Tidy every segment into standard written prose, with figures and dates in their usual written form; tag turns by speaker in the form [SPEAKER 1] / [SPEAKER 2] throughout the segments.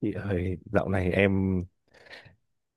[SPEAKER 1] Chị ơi, dạo này em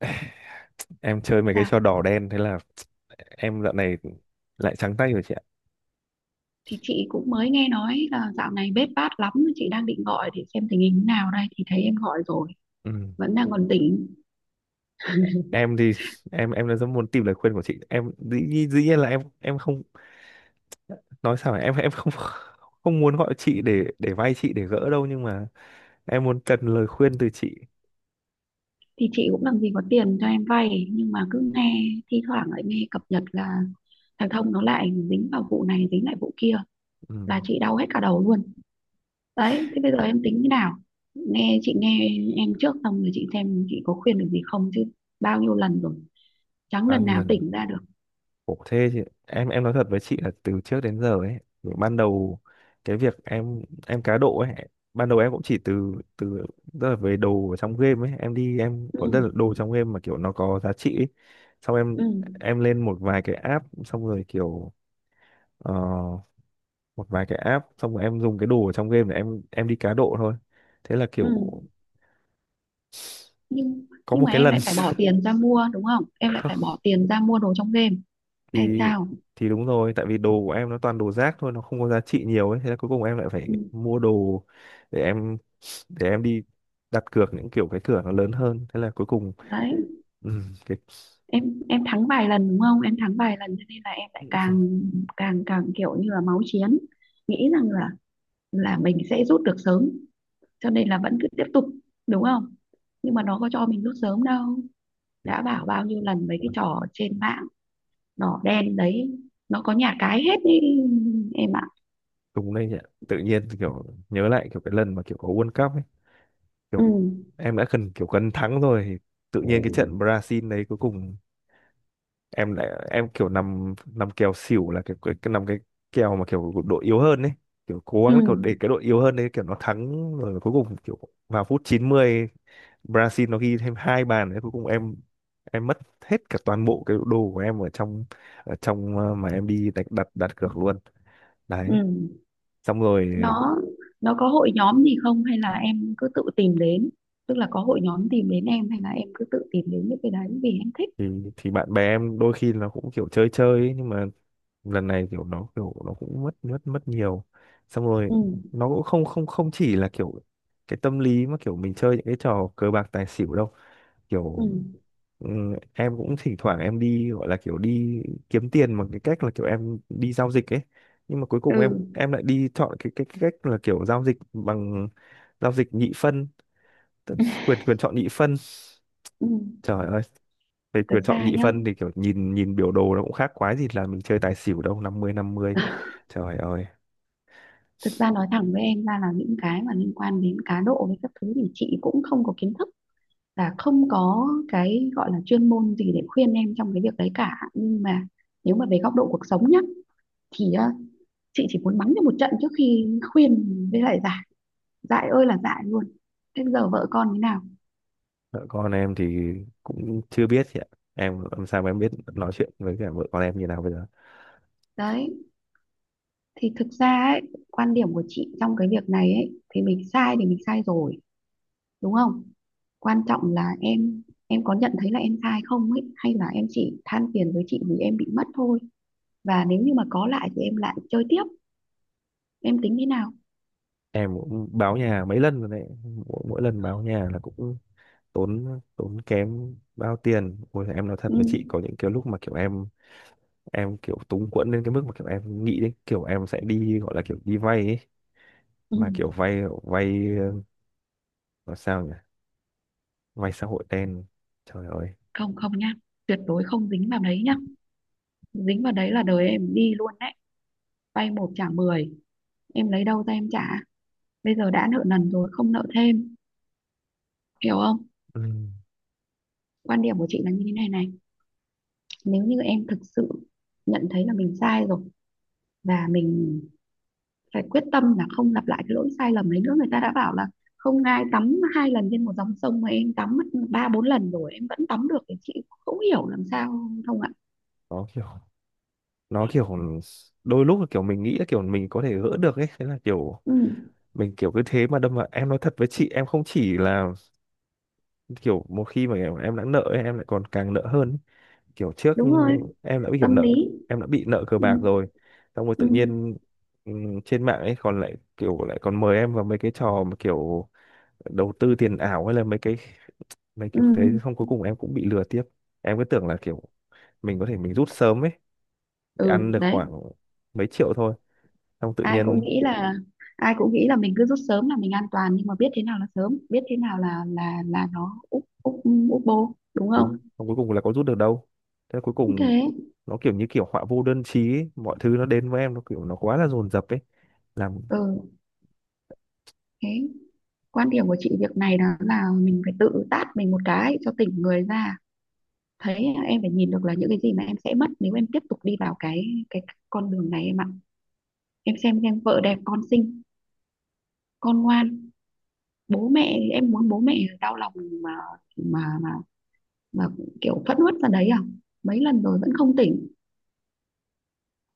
[SPEAKER 1] em chơi mấy cái
[SPEAKER 2] Dạ,
[SPEAKER 1] trò đỏ đen thế là em dạo này lại trắng tay rồi chị ạ.
[SPEAKER 2] thì chị cũng mới nghe nói là dạo này bết bát lắm, chị đang định gọi để xem tình hình thế nào đây thì thấy em gọi rồi,
[SPEAKER 1] Ừ.
[SPEAKER 2] vẫn đang còn tỉnh.
[SPEAKER 1] Em thì em rất muốn tìm lời khuyên của chị. Dĩ nhiên là em không nói sao phải, em không không muốn gọi chị để vay chị để gỡ đâu, nhưng mà em muốn cần lời khuyên từ chị.
[SPEAKER 2] Thì chị cũng làm gì có tiền cho em vay nhưng mà cứ nghe thi thoảng lại nghe cập nhật là thằng Thông nó lại dính vào vụ này dính lại vụ kia
[SPEAKER 1] Ừ.
[SPEAKER 2] là chị đau hết cả đầu luôn. Đấy, thế bây giờ em tính như nào? Nghe chị nghe em trước xong rồi chị xem chị có khuyên được gì không chứ bao nhiêu lần rồi, chẳng
[SPEAKER 1] Bao
[SPEAKER 2] lần
[SPEAKER 1] nhiêu
[SPEAKER 2] nào
[SPEAKER 1] lần?
[SPEAKER 2] tỉnh ra được.
[SPEAKER 1] Ủa thế thì em nói thật với chị là từ trước đến giờ ấy, ban đầu cái việc em cá độ ấy, ban đầu em cũng chỉ từ từ, tức là về đồ ở trong game ấy, em đi em
[SPEAKER 2] Ừ,
[SPEAKER 1] vẫn rất là đồ trong game mà kiểu nó có giá trị ấy. Xong
[SPEAKER 2] ừ,
[SPEAKER 1] em lên một vài cái app, xong rồi kiểu ờ, một vài cái app xong rồi em dùng cái đồ ở trong game để em đi cá độ thôi. Thế là
[SPEAKER 2] ừ.
[SPEAKER 1] kiểu
[SPEAKER 2] nhưng
[SPEAKER 1] có
[SPEAKER 2] nhưng
[SPEAKER 1] một
[SPEAKER 2] mà
[SPEAKER 1] cái
[SPEAKER 2] em
[SPEAKER 1] lần
[SPEAKER 2] lại phải bỏ tiền ra mua, đúng không? Em lại phải bỏ tiền ra mua đồ trong game hay
[SPEAKER 1] thì
[SPEAKER 2] sao?
[SPEAKER 1] thì đúng rồi, tại vì đồ của em nó toàn đồ rác thôi, nó không có giá trị nhiều ấy, thế là cuối cùng em lại phải
[SPEAKER 2] Ừ,
[SPEAKER 1] mua đồ để em để em đi đặt cược những kiểu cái cửa nó lớn hơn, thế là cuối cùng
[SPEAKER 2] đấy.
[SPEAKER 1] ừ, cái
[SPEAKER 2] Em thắng vài lần đúng không? Em thắng vài lần cho nên là em lại càng càng càng kiểu như là máu chiến, nghĩ rằng là mình sẽ rút được sớm cho nên là vẫn cứ tiếp tục, đúng không? Nhưng mà nó có cho mình rút sớm đâu. Đã bảo bao nhiêu lần mấy cái
[SPEAKER 1] cái-
[SPEAKER 2] trò trên mạng đỏ đen đấy, nó có nhà cái hết đi em ạ.
[SPEAKER 1] đúng đây nhỉ, tự nhiên kiểu nhớ lại kiểu cái lần mà kiểu có World Cup ấy,
[SPEAKER 2] Ừ,
[SPEAKER 1] kiểu em đã cần kiểu cần thắng rồi, thì tự nhiên cái trận Brazil đấy cuối cùng em lại em kiểu nằm nằm kèo xỉu là cái nằm cái kèo mà kiểu đội yếu hơn ấy, kiểu cố
[SPEAKER 2] ừ,
[SPEAKER 1] gắng kiểu để cái đội yếu hơn đấy kiểu nó thắng, rồi cuối cùng kiểu vào phút 90, Brazil nó ghi thêm hai bàn đấy, cuối cùng em mất hết cả toàn bộ cái đồ của em ở trong mà em đi đặt đặt đặt cược luôn
[SPEAKER 2] ừ.
[SPEAKER 1] đấy, xong rồi
[SPEAKER 2] Nó nó có hội nhóm gì không hay là em cứ tự tìm đến? Tức là có hội nhóm tìm đến em hay là em cứ tự tìm đến những cái đấy vì em thích?
[SPEAKER 1] thì thì bạn bè em đôi khi nó cũng kiểu chơi chơi ấy, nhưng mà lần này kiểu nó cũng mất mất mất nhiều, xong rồi
[SPEAKER 2] Ừ,
[SPEAKER 1] nó cũng không không không chỉ là kiểu cái tâm lý mà kiểu mình chơi những cái trò cờ bạc tài xỉu đâu kiểu
[SPEAKER 2] ừ,
[SPEAKER 1] em cũng thỉnh thoảng em đi gọi là kiểu đi kiếm tiền bằng cái cách là kiểu em đi giao dịch ấy, nhưng mà cuối
[SPEAKER 2] ừ,
[SPEAKER 1] cùng em lại đi chọn cái cách là kiểu giao dịch bằng giao dịch nhị phân, tức quyền quyền chọn nhị phân.
[SPEAKER 2] ừ.
[SPEAKER 1] Trời ơi, về
[SPEAKER 2] Thực
[SPEAKER 1] quyền chọn
[SPEAKER 2] ra
[SPEAKER 1] nhị
[SPEAKER 2] nhá,
[SPEAKER 1] phân thì kiểu nhìn nhìn biểu đồ nó cũng khác quái gì là mình chơi tài xỉu đâu, 50-50. Trời ơi,
[SPEAKER 2] thực ra nói thẳng với em ra là những cái mà liên quan đến cá độ với các thứ thì chị cũng không có kiến thức, là không có cái gọi là chuyên môn gì để khuyên em trong cái việc đấy cả. Nhưng mà nếu mà về góc độ cuộc sống nhá, thì chị chỉ muốn mắng cho một trận trước khi khuyên với lại giải. Dại ơi là dại luôn. Thế giờ vợ con thế nào?
[SPEAKER 1] vợ con em thì cũng chưa biết chị ạ, em làm sao mà em biết nói chuyện với cả vợ con em như nào bây giờ.
[SPEAKER 2] Đấy, thì thực ra ấy, quan điểm của chị trong cái việc này ấy thì mình sai rồi, đúng không? Quan trọng là em có nhận thấy là em sai không ấy, hay là em chỉ than phiền với chị vì em bị mất thôi. Và nếu như mà có lại thì em lại chơi tiếp. Em tính thế nào?
[SPEAKER 1] Em cũng báo nhà mấy lần rồi đấy, mỗi lần báo nhà là cũng tốn tốn kém bao tiền, ôi em nói thật
[SPEAKER 2] Ừ,
[SPEAKER 1] với chị có những cái lúc mà kiểu em kiểu túng quẫn đến cái mức mà kiểu em nghĩ đến kiểu em sẽ đi gọi là kiểu đi vay ấy,
[SPEAKER 2] ừ.
[SPEAKER 1] mà kiểu vay vay nói sao nhỉ? Vay xã hội đen. Trời ơi.
[SPEAKER 2] Không không nhá, tuyệt đối không dính vào đấy nhá. Dính vào đấy là đời em đi luôn đấy. Vay một trả mười, em lấy đâu ra em trả? Bây giờ đã nợ nần rồi, không nợ thêm, hiểu không?
[SPEAKER 1] Ừ.
[SPEAKER 2] Quan điểm của chị là như thế này này. Nếu như em thực sự nhận thấy là mình sai rồi, và mình phải quyết tâm là không lặp lại cái lỗi sai lầm đấy nữa. Người ta đã bảo là không ai tắm hai lần trên một dòng sông mà em tắm mất 3 4 lần rồi em vẫn tắm được thì chị không hiểu làm sao, không ạ?
[SPEAKER 1] Nó kiểu nó kiểu đôi lúc là kiểu mình nghĩ là kiểu mình có thể gỡ được ấy, thế là kiểu
[SPEAKER 2] Ừ,
[SPEAKER 1] mình kiểu cứ thế mà đâm vào, em nói thật với chị em không chỉ là kiểu một khi mà em đã nợ ấy, em lại còn càng nợ hơn ấy. Kiểu trước
[SPEAKER 2] đúng rồi.
[SPEAKER 1] em đã bị kiểu
[SPEAKER 2] Tâm
[SPEAKER 1] nợ,
[SPEAKER 2] lý.
[SPEAKER 1] em đã bị nợ cờ
[SPEAKER 2] Ừ,
[SPEAKER 1] bạc rồi, xong rồi tự
[SPEAKER 2] ừ,
[SPEAKER 1] nhiên trên mạng ấy còn lại kiểu lại còn mời em vào mấy cái trò mà kiểu đầu tư tiền ảo hay là mấy cái mấy
[SPEAKER 2] ừ,
[SPEAKER 1] kiểu thế, xong cuối cùng em cũng bị lừa tiếp, em cứ tưởng là kiểu mình có thể mình rút sớm ấy, thì
[SPEAKER 2] ừ.
[SPEAKER 1] ăn được
[SPEAKER 2] Đấy,
[SPEAKER 1] khoảng mấy triệu thôi, xong tự
[SPEAKER 2] ai cũng
[SPEAKER 1] nhiên
[SPEAKER 2] nghĩ là ai cũng nghĩ là mình cứ rút sớm là mình an toàn nhưng mà biết thế nào là sớm, biết thế nào là nó úp úp úp bô, đúng
[SPEAKER 1] ừ,
[SPEAKER 2] không,
[SPEAKER 1] xong cuối cùng là có rút được đâu, thế là cuối
[SPEAKER 2] như
[SPEAKER 1] cùng
[SPEAKER 2] thế.
[SPEAKER 1] nó kiểu như kiểu họa vô đơn chí ấy. Mọi thứ nó đến với em nó kiểu nó quá là dồn dập ấy, làm.
[SPEAKER 2] Ừ. Thế quan điểm của chị việc này đó là mình phải tự tát mình một cái cho tỉnh người ra. Thấy em phải nhìn được là những cái gì mà em sẽ mất nếu em tiếp tục đi vào cái con đường này em ạ. Em xem, vợ đẹp con xinh, con ngoan. Bố mẹ em muốn bố mẹ đau lòng mà mà mà, mà kiểu phẫn uất ra đấy à? Mấy lần rồi vẫn không tỉnh.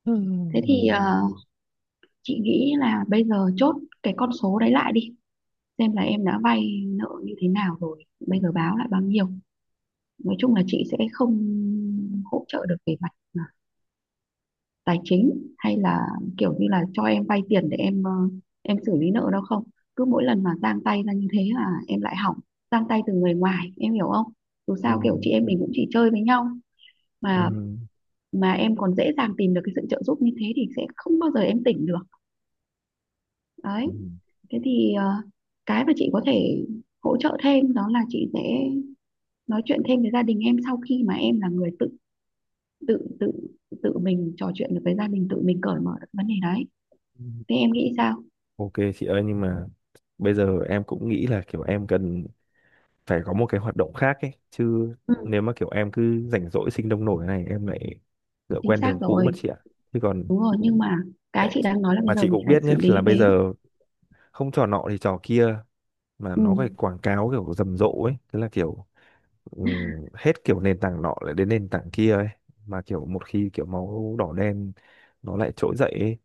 [SPEAKER 1] Ừ.
[SPEAKER 2] Thế thì
[SPEAKER 1] Ừ,
[SPEAKER 2] chị nghĩ là bây giờ chốt cái con số đấy lại đi, xem là em đã vay nợ như thế nào rồi, bây giờ báo lại bao nhiêu. Nói chung là chị sẽ không hỗ trợ được về mặt tài chính hay là kiểu như là cho em vay tiền để em em xử lý nợ đâu không. Cứ mỗi lần mà giang tay ra như thế là em lại hỏng. Giang tay từ người ngoài, em hiểu không? Dù sao kiểu
[SPEAKER 1] ừ,
[SPEAKER 2] chị em mình cũng chỉ chơi với nhau mà mà em còn dễ dàng tìm được cái sự trợ giúp như thế thì sẽ không bao giờ em tỉnh được. Đấy.
[SPEAKER 1] ừ,
[SPEAKER 2] Thế thì cái mà chị có thể hỗ trợ thêm đó là chị sẽ nói chuyện thêm với gia đình em sau khi mà em là người tự tự tự tự mình trò chuyện được với gia đình, tự mình cởi mở được vấn đề đấy.
[SPEAKER 1] ừ.
[SPEAKER 2] Thế em nghĩ sao?
[SPEAKER 1] Ok chị ơi, nhưng mà bây giờ em cũng nghĩ là kiểu em cần phải có một cái hoạt động khác ấy chứ,
[SPEAKER 2] Ừ,
[SPEAKER 1] nếu mà kiểu em cứ rảnh rỗi sinh đông nổi này em lại ngựa
[SPEAKER 2] chính
[SPEAKER 1] quen
[SPEAKER 2] xác
[SPEAKER 1] đường cũ
[SPEAKER 2] rồi.
[SPEAKER 1] mất chị ạ. Chứ còn
[SPEAKER 2] Đúng rồi, nhưng mà cái
[SPEAKER 1] để
[SPEAKER 2] chị đang nói là bây
[SPEAKER 1] mà
[SPEAKER 2] giờ
[SPEAKER 1] chị
[SPEAKER 2] mình
[SPEAKER 1] cũng
[SPEAKER 2] phải
[SPEAKER 1] biết
[SPEAKER 2] xử
[SPEAKER 1] nhé
[SPEAKER 2] lý
[SPEAKER 1] là bây
[SPEAKER 2] cái.
[SPEAKER 1] giờ không trò nọ thì trò kia, mà
[SPEAKER 2] Ừ,
[SPEAKER 1] nó phải quảng cáo kiểu rầm rộ ấy, thế là kiểu hết kiểu nền tảng nọ lại đến nền tảng kia ấy, mà kiểu một khi kiểu máu đỏ đen nó lại trỗi dậy ấy,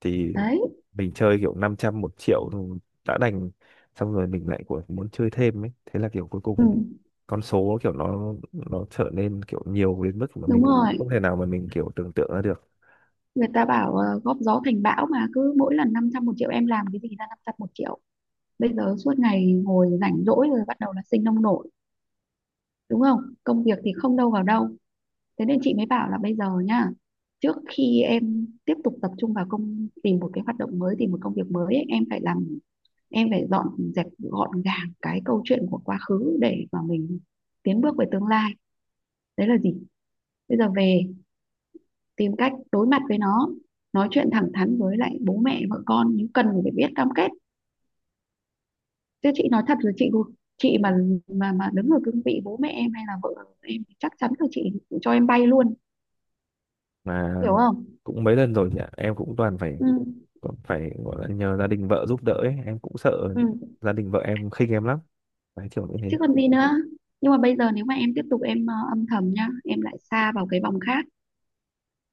[SPEAKER 1] thì
[SPEAKER 2] đấy.
[SPEAKER 1] mình chơi kiểu 500 1 triệu rồi đã đành, xong rồi mình lại của muốn chơi thêm ấy, thế là kiểu cuối
[SPEAKER 2] Ừ,
[SPEAKER 1] cùng con số kiểu nó trở nên kiểu nhiều đến mức mà mình
[SPEAKER 2] đúng rồi.
[SPEAKER 1] không thể nào mà mình kiểu tưởng tượng ra được
[SPEAKER 2] Người ta bảo góp gió thành bão mà cứ mỗi lần 500 một triệu, em làm cái gì ra 500 một triệu? Bây giờ suốt ngày ngồi rảnh rỗi rồi bắt đầu là sinh nông nổi, đúng không? Công việc thì không đâu vào đâu. Thế nên chị mới bảo là bây giờ nhá, trước khi em tiếp tục tập trung vào tìm một cái hoạt động mới, tìm một công việc mới ấy, em phải làm, em phải dọn dẹp gọn gàng cái câu chuyện của quá khứ để mà mình tiến bước về tương lai. Đấy là gì? Bây giờ về tìm cách đối mặt với nó, nói chuyện thẳng thắn với lại bố mẹ vợ con nhưng cần phải biết cam kết. Chứ chị nói thật rồi, chị mà đứng ở cương vị bố mẹ em hay là vợ em thì chắc chắn là chị cho em bay luôn,
[SPEAKER 1] mà.
[SPEAKER 2] hiểu không?
[SPEAKER 1] Cũng mấy lần rồi nhỉ, em cũng toàn phải
[SPEAKER 2] Ừ,
[SPEAKER 1] còn phải gọi là nhờ gia đình vợ giúp đỡ ấy. Em cũng sợ
[SPEAKER 2] ừ.
[SPEAKER 1] gia đình vợ em khinh em lắm, đấy kiểu như
[SPEAKER 2] Chứ
[SPEAKER 1] thế.
[SPEAKER 2] còn gì nữa. Nhưng mà bây giờ nếu mà em tiếp tục em âm thầm nhá, em lại xa vào cái vòng khác.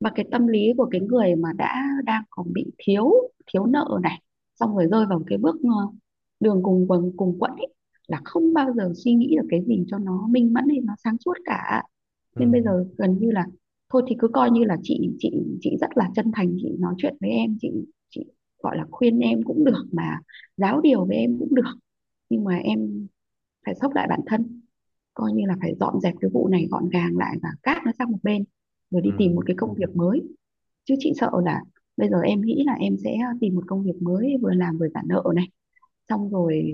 [SPEAKER 2] Và cái tâm lý của cái người mà đã đang còn bị thiếu thiếu nợ này xong rồi rơi vào cái bước đường cùng cùng quẫn ấy là không bao giờ suy nghĩ được cái gì cho nó minh mẫn hay nó sáng suốt cả. Nên bây
[SPEAKER 1] Ừ,
[SPEAKER 2] giờ gần như là thôi thì cứ coi như là chị rất là chân thành chị nói chuyện với em. Chị gọi là khuyên em cũng được mà giáo điều với em cũng được. Nhưng mà em phải xốc lại bản thân, coi như là phải dọn dẹp cái vụ này gọn gàng lại và cát nó sang một bên rồi
[SPEAKER 1] ừ,
[SPEAKER 2] đi tìm một cái công việc mới. Chứ chị sợ là bây giờ em nghĩ là em sẽ tìm một công việc mới vừa làm vừa trả nợ này, xong rồi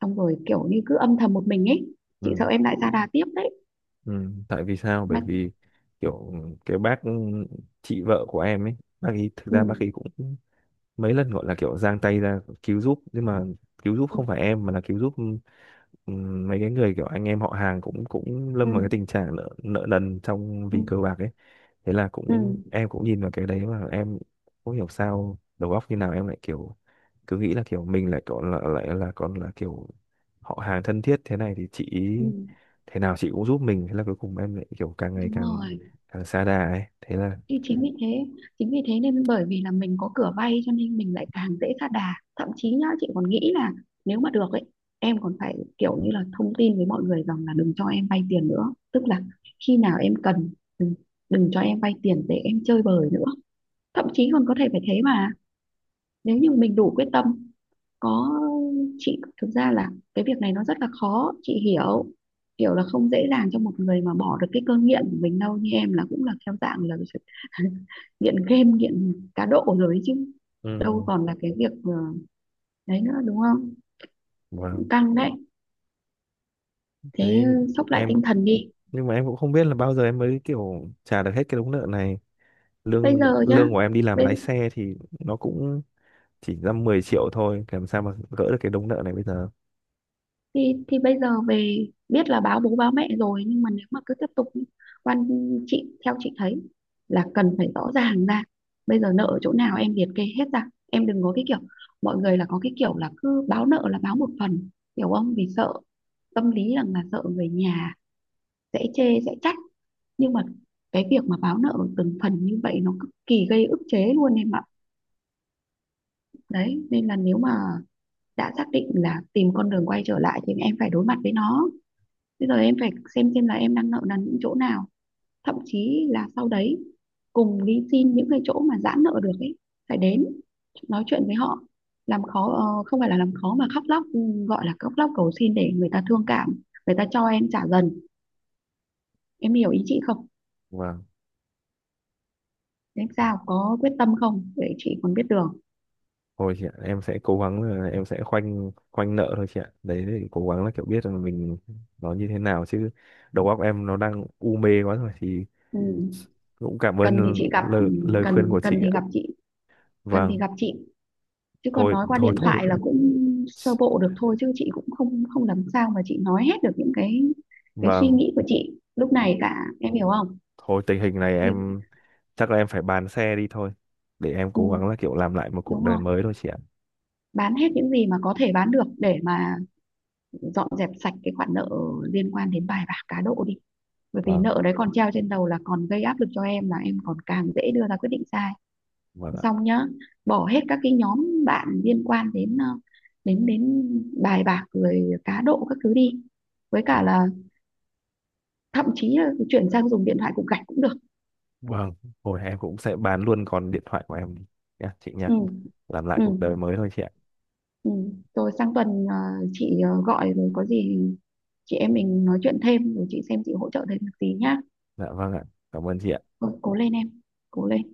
[SPEAKER 2] xong rồi kiểu như cứ âm thầm một mình ấy. Chị
[SPEAKER 1] ừ,
[SPEAKER 2] sợ em lại ra đà tiếp đấy.
[SPEAKER 1] ừ. Tại vì sao, bởi
[SPEAKER 2] Mà.
[SPEAKER 1] vì kiểu cái bác chị vợ của em ấy, bác ấy thực
[SPEAKER 2] Ừ,
[SPEAKER 1] ra bác ấy cũng mấy lần gọi là kiểu giang tay ra cứu giúp, nhưng mà cứu giúp
[SPEAKER 2] ừ,
[SPEAKER 1] không phải em mà là cứu giúp mấy cái người kiểu anh em họ hàng cũng cũng
[SPEAKER 2] ừ,
[SPEAKER 1] lâm vào cái tình trạng nợ nợ nần trong vì cờ
[SPEAKER 2] ừ,
[SPEAKER 1] bạc ấy, thế là
[SPEAKER 2] ừ,
[SPEAKER 1] cũng em cũng nhìn vào cái đấy mà em không hiểu sao đầu óc như nào em lại kiểu cứ nghĩ là kiểu mình lại còn là lại là còn là kiểu họ hàng thân thiết thế này thì chị
[SPEAKER 2] ừ,
[SPEAKER 1] ý thế nào chị cũng giúp mình, thế là cuối cùng em lại kiểu càng ngày
[SPEAKER 2] đúng
[SPEAKER 1] càng
[SPEAKER 2] rồi.
[SPEAKER 1] càng xa đà ấy, thế là
[SPEAKER 2] Thì chính vì thế nên bởi vì là mình có cửa vay cho nên mình lại càng dễ sa đà. Thậm chí nhá, chị còn nghĩ là nếu mà được ấy, em còn phải kiểu như là thông tin với mọi người rằng là đừng cho em vay tiền nữa. Tức là khi nào em cần, đừng, đừng cho em vay tiền để em chơi bời nữa. Thậm chí còn có thể phải thế mà. Nếu như mình đủ quyết tâm. Có. Chị thực ra là cái việc này nó rất là khó. Chị hiểu hiểu là không dễ dàng cho một người mà bỏ được cái cơn nghiện của mình đâu, như em là cũng là theo dạng là nghiện game nghiện cá độ rồi ấy chứ. Đâu
[SPEAKER 1] ừ.
[SPEAKER 2] còn là cái việc đấy nữa, đúng không?
[SPEAKER 1] Wow.
[SPEAKER 2] Căng đấy. Thế
[SPEAKER 1] Thế
[SPEAKER 2] sốc lại
[SPEAKER 1] em
[SPEAKER 2] tinh thần đi.
[SPEAKER 1] nhưng mà em cũng không biết là bao giờ em mới kiểu trả được hết cái đống nợ này.
[SPEAKER 2] Bây
[SPEAKER 1] lương
[SPEAKER 2] giờ chứ.
[SPEAKER 1] lương của em đi làm
[SPEAKER 2] bây
[SPEAKER 1] lái xe thì nó cũng chỉ ra 10 triệu thôi, làm sao mà gỡ được cái đống nợ này bây giờ.
[SPEAKER 2] thì bây giờ về biết là báo bố báo mẹ rồi nhưng mà nếu mà cứ tiếp tục ý, quan chị theo chị thấy là cần phải rõ ràng ra. Bây giờ nợ ở chỗ nào em liệt kê hết ra. Em đừng có cái kiểu mọi người là có cái kiểu là cứ báo nợ là báo một phần, hiểu không? Vì sợ tâm lý rằng là sợ người nhà sẽ chê sẽ trách. Nhưng mà cái việc mà báo nợ từng phần như vậy nó cực kỳ gây ức chế luôn em ạ. Đấy nên là nếu mà đã xác định là tìm con đường quay trở lại thì em phải đối mặt với nó. Bây giờ em phải xem là em đang nợ nần những chỗ nào, thậm chí là sau đấy cùng đi xin những cái chỗ mà giãn nợ được ấy, phải đến nói chuyện với họ. Làm khó, không phải là làm khó mà khóc lóc, gọi là khóc lóc cầu xin để người ta thương cảm, người ta cho em trả dần. Em hiểu ý chị không?
[SPEAKER 1] Vâng.
[SPEAKER 2] Em sao, có quyết tâm không để chị còn biết đường?
[SPEAKER 1] Thôi chị ạ, em sẽ cố gắng là em sẽ khoanh khoanh nợ thôi chị ạ, đấy thì cố gắng là kiểu biết là mình nó như thế nào chứ, đầu óc em nó đang u mê quá rồi thì
[SPEAKER 2] Ừ.
[SPEAKER 1] cũng cảm
[SPEAKER 2] Cần thì
[SPEAKER 1] ơn
[SPEAKER 2] chị gặp. Ừ,
[SPEAKER 1] lời khuyên
[SPEAKER 2] cần
[SPEAKER 1] của chị
[SPEAKER 2] cần thì
[SPEAKER 1] ạ.
[SPEAKER 2] gặp chị, cần thì
[SPEAKER 1] Vâng,
[SPEAKER 2] gặp chị. Chứ còn
[SPEAKER 1] thôi
[SPEAKER 2] nói qua
[SPEAKER 1] thôi
[SPEAKER 2] điện
[SPEAKER 1] thôi,
[SPEAKER 2] thoại là cũng sơ bộ được thôi chứ chị cũng không không làm sao mà chị nói hết được những cái suy
[SPEAKER 1] vâng.
[SPEAKER 2] nghĩ của chị lúc này cả, em hiểu không?
[SPEAKER 1] Thôi tình hình này
[SPEAKER 2] Vì-
[SPEAKER 1] em chắc là em phải bán xe đi thôi, để em
[SPEAKER 2] Ừ,
[SPEAKER 1] cố gắng là kiểu làm lại một cuộc
[SPEAKER 2] đúng
[SPEAKER 1] đời
[SPEAKER 2] rồi.
[SPEAKER 1] mới thôi chị ạ.
[SPEAKER 2] Bán hết những gì mà có thể bán được để mà dọn dẹp sạch cái khoản nợ liên quan đến bài bạc cá độ đi. Bởi vì
[SPEAKER 1] Vâng,
[SPEAKER 2] nợ đấy còn treo trên đầu là còn gây áp lực cho em, là em còn càng dễ đưa ra quyết định sai.
[SPEAKER 1] vâng ạ.
[SPEAKER 2] Xong nhá, bỏ hết các cái nhóm bạn liên quan đến ờ, đến đến bài bạc rồi cá độ các thứ đi. Với cả
[SPEAKER 1] Vâng,
[SPEAKER 2] là, thậm chí là chuyển sang dùng điện thoại cục gạch cũng được.
[SPEAKER 1] vâng. Hồi em cũng sẽ bán luôn con điện thoại của em đi. Nha, chị nha.
[SPEAKER 2] Ừ,
[SPEAKER 1] Làm lại
[SPEAKER 2] ừ,
[SPEAKER 1] cuộc đời mới thôi chị ạ.
[SPEAKER 2] ừ. Rồi sang tuần chị gọi rồi có gì chị em mình nói chuyện thêm rồi chị xem chị hỗ trợ thêm được gì nhá.
[SPEAKER 1] Dạ vâng ạ. Cảm ơn chị ạ.
[SPEAKER 2] Rồi cố lên em, cố lên.